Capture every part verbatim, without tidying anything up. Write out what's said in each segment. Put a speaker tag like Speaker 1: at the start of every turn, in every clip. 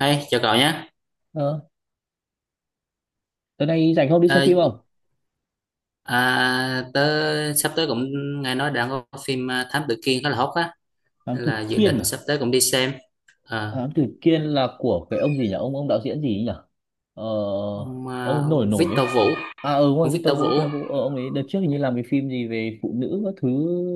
Speaker 1: Hey, chào cậu nhé.
Speaker 2: Ờ, Tới nay rảnh không, đi xem
Speaker 1: Ờ,
Speaker 2: phim không?
Speaker 1: à, Tớ sắp tới cũng nghe nói đang có phim à, Thám Tử Kiên khá là hot á,
Speaker 2: Thám
Speaker 1: nên
Speaker 2: tử
Speaker 1: là dự
Speaker 2: Kiên
Speaker 1: định
Speaker 2: à?
Speaker 1: sắp tới cũng đi xem. Ờ,
Speaker 2: Thám tử Kiên là của cái ông gì nhỉ? Ông ông đạo diễn gì ấy nhỉ? Ờ,
Speaker 1: ông,
Speaker 2: ông
Speaker 1: à,
Speaker 2: ấy nổi
Speaker 1: ông
Speaker 2: nổi ấy.
Speaker 1: Victor Vũ,
Speaker 2: À ừ, ngoài
Speaker 1: ông
Speaker 2: Victor
Speaker 1: Victor Vũ.
Speaker 2: Vũ, Victor Vũ. Ờ, ông ấy đợt trước hình như làm cái phim gì về phụ nữ các thứ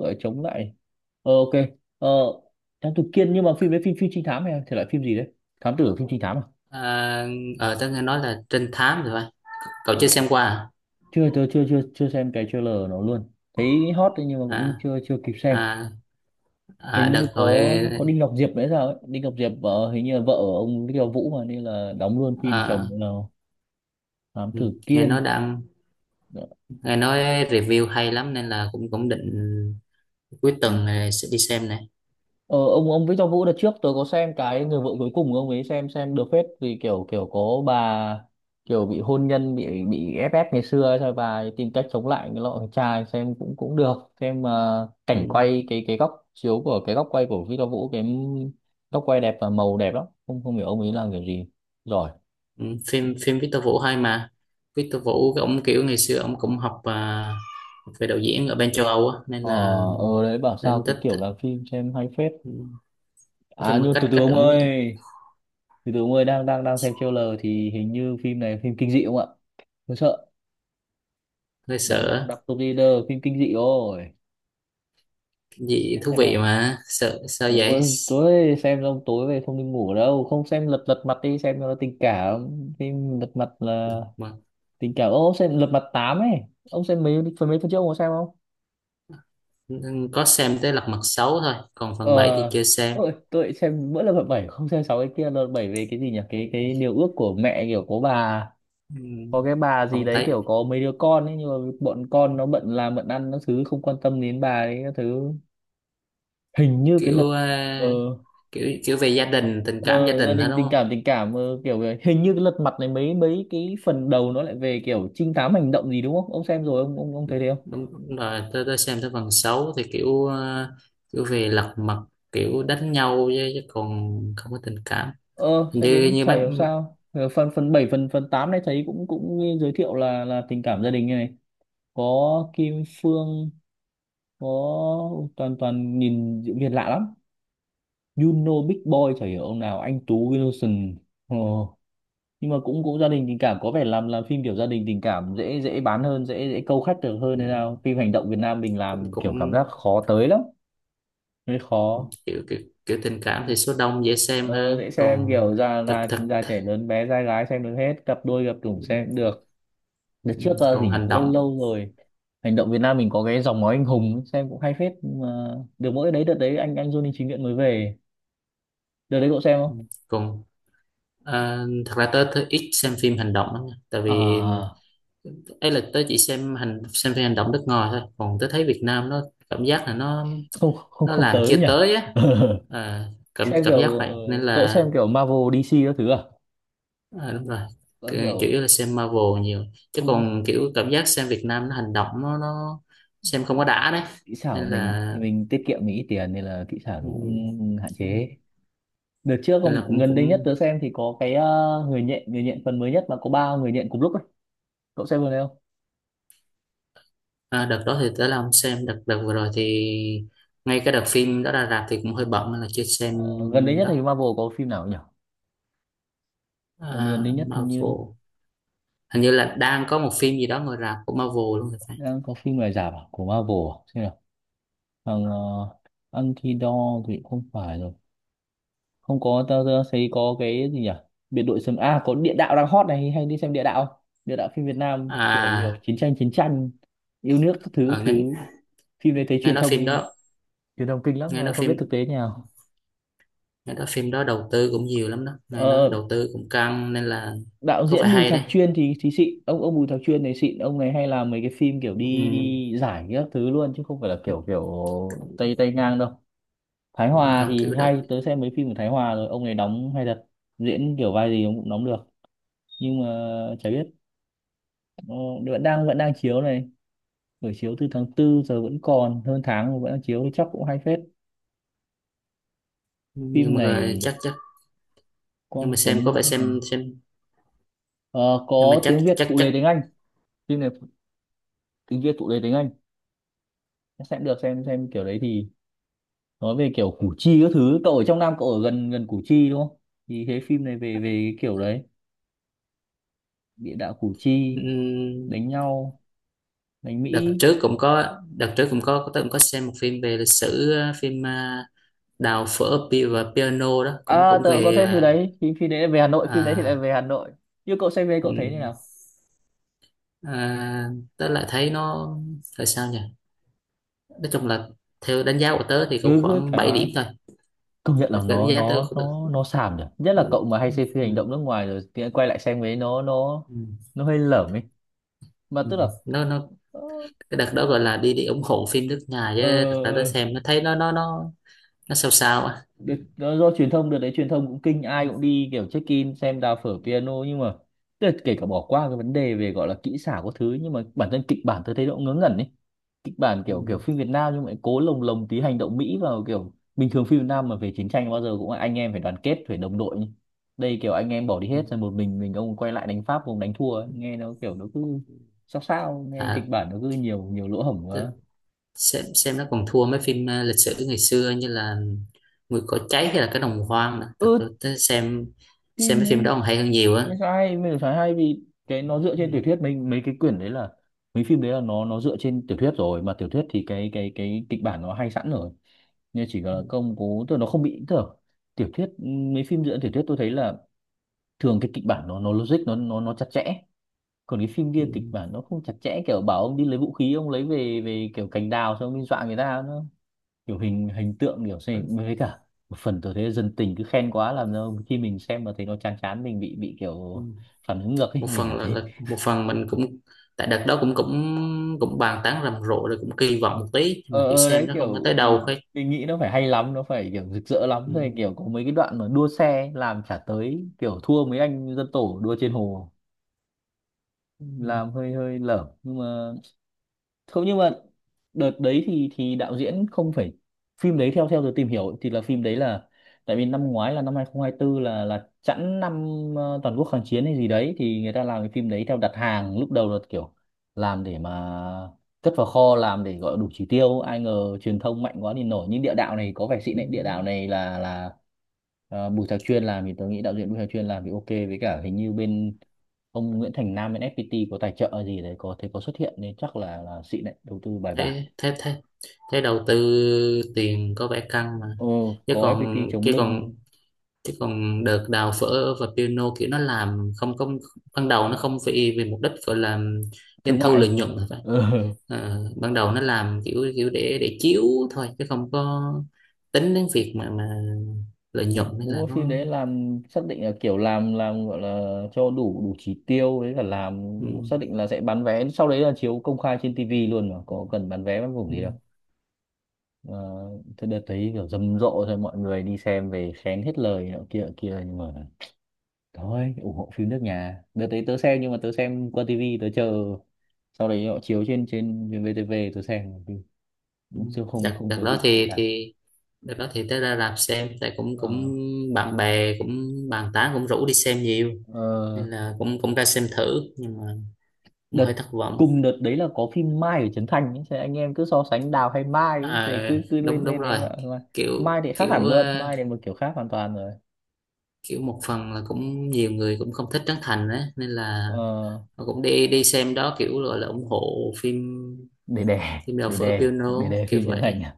Speaker 2: gọi là chống lại. Ờ, ok. Ờ, Thám tử Kiên, nhưng mà phim đấy phim phim trinh thám hay là thể loại phim gì đấy? Thám tử phim trinh thám à?
Speaker 1: À, ờ, Tớ nghe nói là trinh thám rồi. Phải. Cậu chưa
Speaker 2: Ồ.
Speaker 1: xem qua à?
Speaker 2: Chưa, tôi chưa chưa chưa xem cái trailer nó luôn. Thấy hot đấy nhưng mà cũng
Speaker 1: À,
Speaker 2: chưa chưa kịp xem.
Speaker 1: à,
Speaker 2: Hình
Speaker 1: à
Speaker 2: như
Speaker 1: Đợt rồi.
Speaker 2: có có Đinh Ngọc Diệp đấy sao ấy, Đinh Ngọc Diệp vợ hình như là vợ ông Đinh Ngọc Vũ mà, nên là đóng luôn phim
Speaker 1: à,
Speaker 2: chồng là Thám Tử
Speaker 1: ừ, Nghe nói
Speaker 2: Kiên.
Speaker 1: đang nghe nói review hay lắm nên là cũng cũng định cuối tuần này sẽ đi xem này.
Speaker 2: Ờ, ông ông Victor Vũ đợt trước tôi có xem cái Người Vợ Cuối Cùng của ông ấy, xem xem được phết vì kiểu kiểu có bà kiểu bị hôn nhân, bị bị ép ép ngày xưa ấy, rồi bà ấy tìm cách chống lại cái loại thằng trai, xem cũng cũng được. Xem ờ, cảnh
Speaker 1: Ừ.
Speaker 2: quay, cái cái góc chiếu của, cái góc quay của Victor Vũ, cái góc quay đẹp và màu đẹp lắm, không không hiểu ông ấy làm kiểu gì giỏi.
Speaker 1: Ừ, phim phim Victor Vũ hay mà. Victor Vũ cái ông kiểu ngày xưa ông cũng học à, về đạo diễn ở bên châu Âu á nên
Speaker 2: Ờ,
Speaker 1: là
Speaker 2: ờ đấy bảo sao
Speaker 1: nên
Speaker 2: cái
Speaker 1: thích.
Speaker 2: kiểu làm phim xem hay phết.
Speaker 1: Ừ, nói
Speaker 2: À
Speaker 1: chung là
Speaker 2: nhưng từ
Speaker 1: cách
Speaker 2: từ
Speaker 1: cách
Speaker 2: ông
Speaker 1: ông
Speaker 2: ơi, từ từ ông ơi, đang đang đang xem trailer thì hình như phim này phim kinh dị không ạ? Tôi sợ.
Speaker 1: hơi
Speaker 2: Đang đang
Speaker 1: sợ
Speaker 2: đọc top leader phim kinh dị rồi.
Speaker 1: cái gì
Speaker 2: Xem
Speaker 1: thú
Speaker 2: thế
Speaker 1: vị
Speaker 2: nào.
Speaker 1: mà sợ sao vậy
Speaker 2: Ôi, tối xem xong tối về không đi ngủ đâu, không xem lật lật mặt, đi xem cho nó tình cảm. Phim lật mặt là
Speaker 1: mà.
Speaker 2: tình cảm. Ô, ông xem lật mặt tám ấy. Ông xem mấy phần mấy phần trước ông có xem không?
Speaker 1: Ừ, có xem tới lật mặt xấu thôi, còn
Speaker 2: Ờ,
Speaker 1: phần bảy thì chưa xem.
Speaker 2: tôi, tôi xem mỗi lần hợp bảy, không xem sáu, cái kia lần bảy về cái gì nhỉ, cái cái điều ước của mẹ, kiểu có bà,
Speaker 1: Ừ,
Speaker 2: có cái bà gì
Speaker 1: không
Speaker 2: đấy
Speaker 1: thấy
Speaker 2: kiểu có mấy đứa con ấy nhưng mà bọn con nó bận làm bận ăn nó thứ không quan tâm đến bà ấy các thứ. Hình như cái
Speaker 1: kiểu
Speaker 2: lật,
Speaker 1: à,
Speaker 2: ờ,
Speaker 1: kiểu kiểu về gia đình, tình cảm gia
Speaker 2: ờ, gia
Speaker 1: đình hết
Speaker 2: đình tình
Speaker 1: đúng
Speaker 2: cảm, tình cảm ờ, kiểu vậy. Hình như cái lật mặt này mấy mấy cái phần đầu nó lại về kiểu trinh thám hành động gì đúng không, ông xem rồi ông ông, ông thấy thế không?
Speaker 1: đúng, rồi tôi, tôi xem tới phần sáu thì kiểu ờ, kiểu về lật mặt, kiểu đánh nhau, chứ, chứ còn không có tình cảm.
Speaker 2: Ờ
Speaker 1: Hình
Speaker 2: sẽ
Speaker 1: như
Speaker 2: đến
Speaker 1: như
Speaker 2: chảy
Speaker 1: mấy.
Speaker 2: hiểu sao. Ờ, phần phần bảy, phần phần tám này thấy cũng cũng giới thiệu là là tình cảm gia đình này, có Kim Phương, có toàn toàn nhìn diễn viên lạ lắm, Juno Big Boy chả hiểu ông nào, anh Tú Wilson. Ờ, nhưng mà cũng cũng gia đình tình cảm, có vẻ làm làm phim kiểu gia đình tình cảm dễ dễ bán hơn, dễ dễ câu khách được hơn, nên nào
Speaker 1: Ừm,
Speaker 2: phim hành động Việt Nam mình
Speaker 1: cũng
Speaker 2: làm kiểu cảm
Speaker 1: cũng
Speaker 2: giác khó tới lắm, hơi khó.
Speaker 1: kiểu kiểu, kiểu tình cảm thì số đông dễ xem
Speaker 2: ờ, Dễ
Speaker 1: hơn,
Speaker 2: xem
Speaker 1: còn
Speaker 2: kiểu già
Speaker 1: thật
Speaker 2: già
Speaker 1: thật.
Speaker 2: già trẻ lớn bé trai gái xem được hết, cặp đôi cặp chủng xem được. Đợt trước
Speaker 1: Ừm,
Speaker 2: ờ,
Speaker 1: còn
Speaker 2: gì nhỉ,
Speaker 1: hành
Speaker 2: lâu
Speaker 1: động
Speaker 2: lâu rồi, hành động Việt Nam mình có cái Dòng Máu Anh Hùng ấy, xem cũng hay phết nhưng mà được mỗi đấy, đợt đấy anh anh Johnny Chính Nguyện mới về, đợt đấy cậu xem không?
Speaker 1: còn ờ, thật ra tớ, tớ ít xem phim hành động lắm nha. Tại vì
Speaker 2: À,
Speaker 1: ấy là tớ chỉ xem hành xem phim hành động nước ngoài thôi, còn tớ thấy Việt Nam nó cảm giác là nó
Speaker 2: không không
Speaker 1: nó
Speaker 2: không
Speaker 1: làm
Speaker 2: tới
Speaker 1: chưa
Speaker 2: nhỉ.
Speaker 1: tới á. à, Cảm
Speaker 2: Xem
Speaker 1: cảm giác
Speaker 2: kiểu
Speaker 1: vậy
Speaker 2: ờ,
Speaker 1: nên
Speaker 2: cậu
Speaker 1: là
Speaker 2: xem kiểu Marvel D C các thứ à?
Speaker 1: à, đúng rồi.
Speaker 2: Có
Speaker 1: Cái- chủ
Speaker 2: kiểu,
Speaker 1: yếu là xem Marvel nhiều, chứ
Speaker 2: không,
Speaker 1: còn kiểu cảm giác xem Việt Nam nó hành động nó, nó xem không có đã đấy
Speaker 2: kỹ xảo
Speaker 1: nên
Speaker 2: của mình
Speaker 1: là.
Speaker 2: mình tiết kiệm, mình ít tiền nên là kỹ xảo nó
Speaker 1: Ừm,
Speaker 2: cũng hạn chế. Đợt trước
Speaker 1: nên là
Speaker 2: còn
Speaker 1: cũng
Speaker 2: gần đây nhất
Speaker 1: cũng
Speaker 2: tớ xem thì có cái ờ, người nhện, người nhện phần mới nhất mà có ba người nhện cùng lúc ấy, cậu xem vừa đấy không?
Speaker 1: à, đợt đó thì tới là không xem, đợt đợt vừa rồi thì ngay cái đợt phim đó ra rạp thì cũng hơi bận nên là chưa xem
Speaker 2: Ờ, gần đây nhất thì
Speaker 1: đó.
Speaker 2: Marvel có phim nào nhỉ? Ờ, gần đây
Speaker 1: À,
Speaker 2: nhất hình như
Speaker 1: Marvel hình như là đang có một phim gì đó ngồi rạp của Marvel luôn thì phải.
Speaker 2: đang có phim này giả bảo của Marvel à? Xem nào. Thằng uh, Anti-Dog thì không phải rồi, không có, tao tao thấy có cái gì nhỉ, biệt đội sấm a, có địa đạo đang hot này, hay đi xem địa đạo không? Địa đạo phim Việt Nam kiểu kiểu
Speaker 1: à
Speaker 2: chiến tranh chiến tranh yêu nước các thứ
Speaker 1: ờ, nghe,
Speaker 2: thứ, phim đấy thấy
Speaker 1: Nghe
Speaker 2: truyền
Speaker 1: nói phim
Speaker 2: thông
Speaker 1: đó
Speaker 2: truyền thông kinh lắm
Speaker 1: nghe
Speaker 2: mà
Speaker 1: nói
Speaker 2: không biết
Speaker 1: phim
Speaker 2: thực tế như nào.
Speaker 1: nghe nói phim đó đầu tư cũng nhiều lắm đó, nghe nói
Speaker 2: Ờ,
Speaker 1: đầu tư cũng căng nên là
Speaker 2: đạo
Speaker 1: có vẻ
Speaker 2: diễn Bùi
Speaker 1: hay
Speaker 2: Thạc
Speaker 1: đấy.
Speaker 2: Chuyên thì thì xịn, ông ông Bùi Thạc Chuyên này xịn, ông này hay làm mấy cái phim kiểu đi
Speaker 1: Ừ,
Speaker 2: đi giải các thứ luôn, chứ không phải là kiểu kiểu tay tay ngang đâu. Thái Hòa
Speaker 1: ông
Speaker 2: thì
Speaker 1: kiểu đó.
Speaker 2: hay, tớ xem mấy phim của Thái Hòa rồi, ông này đóng hay thật, diễn kiểu vai gì ông cũng đóng được. Nhưng mà chả biết, nó vẫn đang, vẫn đang chiếu này, buổi chiếu từ tháng tư giờ vẫn còn hơn tháng mà vẫn đang chiếu thì chắc cũng hay phết. Phim
Speaker 1: Nhưng mà rồi
Speaker 2: này
Speaker 1: chắc chắc nhưng mà
Speaker 2: Quang
Speaker 1: xem
Speaker 2: Tuấn
Speaker 1: có vẻ
Speaker 2: diễn hàng,
Speaker 1: xem xem
Speaker 2: ờ,
Speaker 1: nhưng mà
Speaker 2: có tiếng
Speaker 1: chắc
Speaker 2: Việt
Speaker 1: chắc
Speaker 2: phụ
Speaker 1: chắc
Speaker 2: đề tiếng Anh. Phim này phụ- tiếng Việt phụ đề tiếng Anh, sẽ được xem xem kiểu đấy thì nói về kiểu Củ Chi các thứ. Cậu ở trong Nam, cậu ở gần gần Củ Chi đúng không, thì thế phim này về về cái kiểu đấy, địa đạo Củ
Speaker 1: ừ,
Speaker 2: Chi, đánh nhau, đánh
Speaker 1: đợt
Speaker 2: Mỹ.
Speaker 1: trước cũng có đợt trước cũng có, tôi cũng có xem một phim về lịch sử ờ, phim à, đào phở pi- và piano đó cũng
Speaker 2: À,
Speaker 1: cũng
Speaker 2: tớ cũng có
Speaker 1: về.
Speaker 2: xem phim đấy, thì phim đấy lại về Hà
Speaker 1: ờ,
Speaker 2: Nội, phim đấy thì lại về
Speaker 1: à,
Speaker 2: Hà Nội. Như cậu xem về
Speaker 1: ừ,
Speaker 2: cậu thấy như nào?
Speaker 1: à, Tớ lại thấy nó là sao nhỉ, nói chung là theo đánh giá của tớ thì cũng
Speaker 2: Ừ cứ
Speaker 1: khoảng
Speaker 2: thoải
Speaker 1: bảy điểm
Speaker 2: mái.
Speaker 1: thôi.
Speaker 2: Công nhận
Speaker 1: Cái
Speaker 2: là
Speaker 1: đánh
Speaker 2: nó
Speaker 1: giá tớ.
Speaker 2: nó nó nó xàm nhỉ, nhất là cậu
Speaker 1: ừ,
Speaker 2: mà hay xem phim hành
Speaker 1: ừ,
Speaker 2: động nước ngoài rồi thì quay lại xem ấy, nó nó
Speaker 1: ừ,
Speaker 2: nó hơi lởm ấy. Mà
Speaker 1: ừ.
Speaker 2: tức là
Speaker 1: nó nó
Speaker 2: ờ,
Speaker 1: cái đợt đó gọi là đi đi ủng hộ phim nước nhà, chứ thật ra tới
Speaker 2: ờ,
Speaker 1: xem nó thấy nó nó nó nó sao sao á.
Speaker 2: được, do, do truyền thông đợt đấy truyền thông cũng kinh, ai cũng đi kiểu check in xem đào phở piano, nhưng mà tức là kể cả bỏ qua cái vấn đề về gọi là kỹ xảo có thứ, nhưng mà bản thân kịch bản tôi thấy nó cũng ngớ ngẩn ấy. Kịch bản
Speaker 1: ừ,
Speaker 2: kiểu kiểu phim Việt Nam nhưng mà lại cố lồng lồng tí hành động Mỹ vào, kiểu bình thường phim Việt Nam mà về chiến tranh bao giờ cũng là anh em phải đoàn kết phải đồng đội nhỉ. Đây kiểu anh em bỏ đi
Speaker 1: ừ.
Speaker 2: hết rồi một mình mình ông quay lại đánh Pháp, ông đánh thua ấy. Nghe nó kiểu nó cứ sao sao, nghe
Speaker 1: à,
Speaker 2: kịch bản nó cứ nhiều nhiều lỗ hổng
Speaker 1: t-
Speaker 2: quá.
Speaker 1: xem xem nó còn thua mấy phim ờ, lịch sử ngày xưa như là Mùi cỏ cháy hay là cái đồng hoang nữa. Thật ra
Speaker 2: Ừ,
Speaker 1: tới xem xem
Speaker 2: phim
Speaker 1: mấy phim
Speaker 2: ấy
Speaker 1: đó còn hay hơn nhiều á.
Speaker 2: mình phải hay, mình phải hay vì cái nó dựa trên tiểu
Speaker 1: ừ,
Speaker 2: thuyết, mình mấy cái quyển đấy là, mấy phim đấy là nó nó dựa trên tiểu thuyết rồi, mà tiểu thuyết thì cái cái cái kịch bản nó hay sẵn rồi, nên chỉ
Speaker 1: ừ,
Speaker 2: là công cố tức là nó không bị, tức là tiểu thuyết, mấy phim dựa trên tiểu thuyết tôi thấy là thường cái kịch bản nó nó logic, nó nó nó chặt chẽ. Còn cái phim kia
Speaker 1: ừ.
Speaker 2: kịch bản nó không chặt chẽ, kiểu bảo ông đi lấy vũ khí ông lấy về về kiểu cành đào xong ông đi dọa người ta, nó kiểu hình hình tượng kiểu gì, với cả một phần tôi thấy dân tình cứ khen quá làm cho khi mình xem mà thấy nó chán chán mình bị bị
Speaker 1: Ừ.
Speaker 2: kiểu phản ứng ngược ấy.
Speaker 1: Một
Speaker 2: Mình
Speaker 1: phần
Speaker 2: cảm
Speaker 1: là,
Speaker 2: thấy
Speaker 1: là một phần mình cũng tại đợt đó cũng cũng cũng bàn tán rầm rộ rồi cũng kỳ vọng một tí, nhưng
Speaker 2: ờ
Speaker 1: mà kiểu
Speaker 2: ờ, đấy
Speaker 1: xem nó không có
Speaker 2: kiểu
Speaker 1: tới đâu
Speaker 2: mình,
Speaker 1: hết.
Speaker 2: mình nghĩ nó phải hay lắm, nó phải kiểu rực rỡ lắm
Speaker 1: Ừ.
Speaker 2: rồi, kiểu có mấy cái đoạn mà đua xe ấy, làm chả tới, kiểu thua mấy anh dân tổ đua trên hồ,
Speaker 1: Ừ.
Speaker 2: làm hơi hơi lởm nhưng mà không, nhưng mà đợt đấy thì thì đạo diễn không phải, phim đấy theo theo tôi tìm hiểu thì là phim đấy là, tại vì năm ngoái là năm hai không hai tư là là chẵn năm ờ, toàn quốc kháng chiến hay gì đấy, thì người ta làm cái phim đấy theo đặt hàng, lúc đầu là kiểu làm để mà cất vào kho, làm để gọi đủ chỉ tiêu, ai ngờ truyền thông mạnh quá thì nổi. Nhưng địa đạo này có vẻ xịn
Speaker 1: Ừ.
Speaker 2: đấy, địa đạo này là là ờ, Bùi Thạc Chuyên làm, thì tôi nghĩ đạo diễn Bùi Thạc Chuyên làm thì ok, với cả hình như bên ông Nguyễn Thành Nam bên ef pi ti có tài trợ gì đấy, có thấy có xuất hiện, nên chắc là là xịn đấy, đầu tư bài bản.
Speaker 1: thế thế thế thế đầu tư tiền có vẻ căng mà,
Speaker 2: Ừ,
Speaker 1: chứ
Speaker 2: có ép pê tê
Speaker 1: còn
Speaker 2: chống
Speaker 1: chứ
Speaker 2: lưng
Speaker 1: còn chứ còn đợt đào phở và piano kiểu nó làm không không, ban đầu nó không vì vì mục đích gọi là doanh
Speaker 2: thương
Speaker 1: thu lợi
Speaker 2: mại.
Speaker 1: nhuận rồi phải.
Speaker 2: Ừ.
Speaker 1: Ờ, ban đầu nó làm kiểu kiểu để để chiếu thôi, chứ không có tính đến việc mà mà lợi nhuận nên
Speaker 2: Đúng
Speaker 1: là
Speaker 2: là phim
Speaker 1: nó.
Speaker 2: đấy làm xác định là kiểu làm làm gọi là cho đủ đủ chỉ tiêu đấy, là làm
Speaker 1: ừ,
Speaker 2: xác định là sẽ bán vé, sau đấy là chiếu công khai trên tê vê luôn mà có cần bán vé bán vùng
Speaker 1: ừ,
Speaker 2: gì đâu. Ờ, Thế đợt thấy kiểu rầm rộ rồi mọi người đi xem về khen hết lời nọ kia nọ kia, nhưng mà thôi ủng hộ phim nước nhà. Đợt đấy tớ xem, nhưng mà tớ xem qua tivi, tớ chờ sau đấy họ chiếu trên trên vê tê vê tớ xem,
Speaker 1: ừ.
Speaker 2: chứ không,
Speaker 1: đợt
Speaker 2: không
Speaker 1: đợt
Speaker 2: có
Speaker 1: đó
Speaker 2: dịp xem
Speaker 1: thì
Speaker 2: cả.
Speaker 1: thì. Đợt đó thì tới ra rạp xem tại cũng cũng
Speaker 2: ờ,
Speaker 1: bạn bè cũng bàn tán cũng rủ đi xem nhiều,
Speaker 2: ờ,
Speaker 1: nên là cũng cũng ra xem thử, nhưng mà cũng hơi
Speaker 2: đợt
Speaker 1: thất vọng.
Speaker 2: Cùng đợt đấy là có phim Mai ở Trấn Thành ấy. Thế anh em cứ so sánh Đào hay Mai ấy. Thế cứ
Speaker 1: À,
Speaker 2: cứ
Speaker 1: đúng
Speaker 2: lên
Speaker 1: đúng
Speaker 2: lên đấy
Speaker 1: rồi,
Speaker 2: mà mà
Speaker 1: kiểu
Speaker 2: Mai thì khác
Speaker 1: kiểu
Speaker 2: hẳn
Speaker 1: ờ,
Speaker 2: luôn, Mai thì một kiểu khác hoàn toàn rồi.
Speaker 1: kiểu một phần là cũng nhiều người cũng không thích Trấn Thành á, nên là
Speaker 2: ờ,
Speaker 1: họ cũng đi đi xem đó kiểu gọi là ủng hộ phim,
Speaker 2: để đè,
Speaker 1: phim đầu
Speaker 2: để
Speaker 1: Phở
Speaker 2: đè để
Speaker 1: Piano
Speaker 2: đè
Speaker 1: kiểu
Speaker 2: phim Trấn Thành
Speaker 1: vậy.
Speaker 2: à?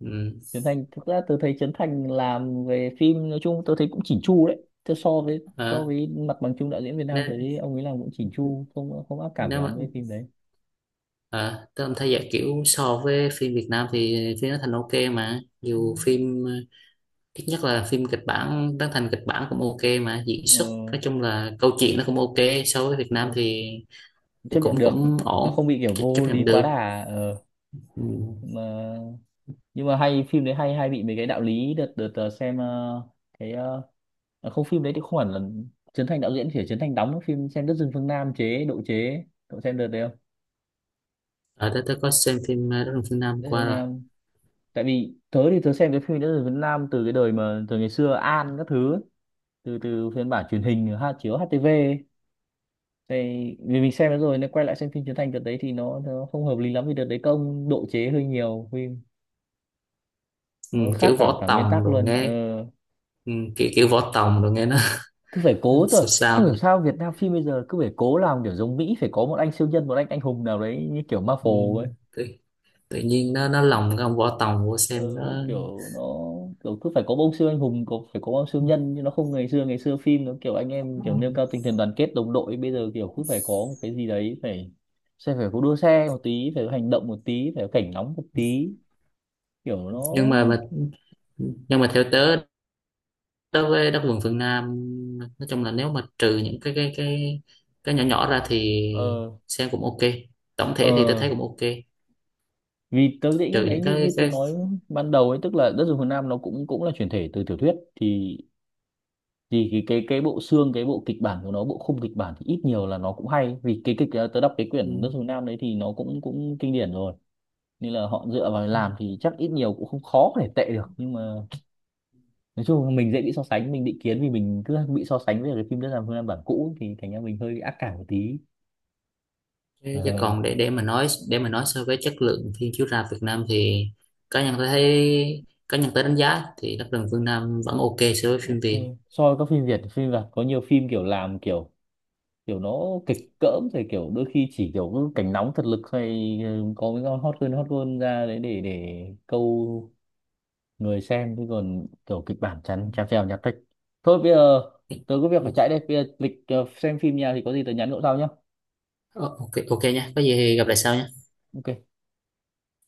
Speaker 1: Ừ.
Speaker 2: Trấn Thành thực ra tôi thấy Trấn Thành làm về phim nói chung tôi thấy cũng chỉn chu đấy. Thế so với so
Speaker 1: Ờ,
Speaker 2: với mặt bằng chung đạo diễn Việt Nam
Speaker 1: nếu
Speaker 2: tôi thấy ông ấy làm cũng chỉn chu, không không ác cảm
Speaker 1: nếu
Speaker 2: lắm
Speaker 1: mà
Speaker 2: với phim đấy.
Speaker 1: à, tôi thấy vậy kiểu so với phim Việt Nam thì phim nó thành ok mà
Speaker 2: Ừ.
Speaker 1: dù phim ờ, ít nhất là phim kịch bản Trấn Thành, kịch bản cũng ok mà diễn xuất, nói chung là câu chuyện nó cũng ok, so với Việt Nam
Speaker 2: ờ,
Speaker 1: thì
Speaker 2: Chấp
Speaker 1: cũng cũng,
Speaker 2: nhận được,
Speaker 1: cũng
Speaker 2: nó
Speaker 1: ổn,
Speaker 2: không bị kiểu
Speaker 1: ch-
Speaker 2: vô
Speaker 1: chấp
Speaker 2: lý
Speaker 1: nhận
Speaker 2: quá
Speaker 1: được.
Speaker 2: đà. ờ,
Speaker 1: Ừ.
Speaker 2: mà nhưng mà hay, phim đấy hay hay bị mấy cái đạo lý. Đợt đợt ờ, Xem ờ, cái ờ, à, không, phim đấy thì không hẳn là Trấn Thành đạo diễn, chỉ là Trấn Thành đóng phim. Xem Đất rừng phương Nam chế độ chế, cậu xem đợt đấy không?
Speaker 1: Ở đó tôi có xem phim ờ, Đất rừng phương Nam
Speaker 2: Đất rừng
Speaker 1: qua
Speaker 2: phương
Speaker 1: rồi.
Speaker 2: Nam, tại vì tớ thì tớ xem cái phim nữ Tử Việt Nam từ cái đời mà từ ngày xưa An các thứ ấy. Từ từ phiên bản truyền hình ha, chiếu hát tê vê ấy. Thì vì mình xem nó rồi nên quay lại xem phim Trấn Thành đợt đấy thì nó nó không hợp lý lắm, vì đợt đấy công độ chế hơi nhiều phim,
Speaker 1: Ừ.
Speaker 2: nó khác
Speaker 1: kiểu
Speaker 2: cả
Speaker 1: võ
Speaker 2: cả nguyên
Speaker 1: tòng
Speaker 2: tắc
Speaker 1: rồi
Speaker 2: luôn. ờ,
Speaker 1: nghe ừ. Kiểu kiểu võ tòng rồi nghe nó
Speaker 2: Cứ phải cố
Speaker 1: sao
Speaker 2: thôi,
Speaker 1: sao
Speaker 2: không hiểu
Speaker 1: vậy.
Speaker 2: sao Việt Nam phim bây giờ cứ phải cố làm kiểu giống Mỹ, phải có một anh siêu nhân, một anh anh hùng nào đấy như kiểu
Speaker 1: Ừ.
Speaker 2: Marvel ấy.
Speaker 1: tự, Tự nhiên nó nó lòng cái ông võ tòng vô
Speaker 2: Ờ,
Speaker 1: xem nó.
Speaker 2: kiểu nó kiểu cứ phải có ông siêu anh hùng, có phải có ông siêu nhân. Nhưng nó không, ngày xưa ngày xưa phim nó kiểu anh em,
Speaker 1: Ừ.
Speaker 2: kiểu nêu cao tinh thần đoàn kết đồng đội, bây giờ kiểu cứ phải có một cái gì đấy, phải sẽ phải có đua xe một tí, phải có hành động một tí, phải có cảnh nóng một tí, kiểu nó.
Speaker 1: Nhưng mà mà nhưng mà theo tớ, đối với đất vườn phương Nam, nói chung là nếu mà trừ những cái cái cái cái nhỏ nhỏ ra thì
Speaker 2: ờ
Speaker 1: xem cũng ok, tổng thể thì tôi
Speaker 2: ờ
Speaker 1: thấy cũng ok,
Speaker 2: Vì tớ nghĩ
Speaker 1: trừ
Speaker 2: đấy,
Speaker 1: những
Speaker 2: như
Speaker 1: cái
Speaker 2: như tớ
Speaker 1: cái.
Speaker 2: nói ban đầu ấy, tức là Đất rừng Phương Nam nó cũng cũng là chuyển thể từ tiểu thuyết, thì thì cái cái cái bộ xương, cái bộ kịch bản của nó, bộ khung kịch bản thì ít nhiều là nó cũng hay, vì cái kịch ờ, tớ đọc cái
Speaker 1: Ừ,
Speaker 2: quyển Nước Dùng Nam đấy thì nó cũng cũng kinh điển rồi, nên là họ dựa vào làm thì chắc ít nhiều cũng không khó để tệ được. Nhưng mà nói chung là mình dễ bị so sánh, mình định kiến vì mình cứ bị so sánh với cái phim Đất Làm Phương Nam bản cũ, thì thành ra mình hơi bị ác cảm một tí.
Speaker 1: cái chứ
Speaker 2: Ờ,
Speaker 1: còn để để mà nói để mà nói so với chất lượng phim chiếu rạp Việt Nam thì cá nhân tôi thấy, cá nhân tôi đánh giá thì đất vườn phương Nam vẫn ok so với phim
Speaker 2: ok.
Speaker 1: Việt.
Speaker 2: So với các phim Việt, phim Việt có nhiều phim kiểu làm kiểu, kiểu nó kịch cỡm, rồi kiểu đôi khi chỉ kiểu cảnh nóng thật lực, hay ừ, có cái con hot girl, hot girl ra đấy để để câu người xem, chứ còn kiểu kịch bản chán chèo, chèo nhạt thích. Thôi bây giờ tớ có việc phải chạy đây, bây giờ lịch ờ, xem phim nhà thì có gì tớ nhắn cậu sau nhá.
Speaker 1: Ờ, ok ok nha, có gì thì gặp lại sau nha.
Speaker 2: Ok.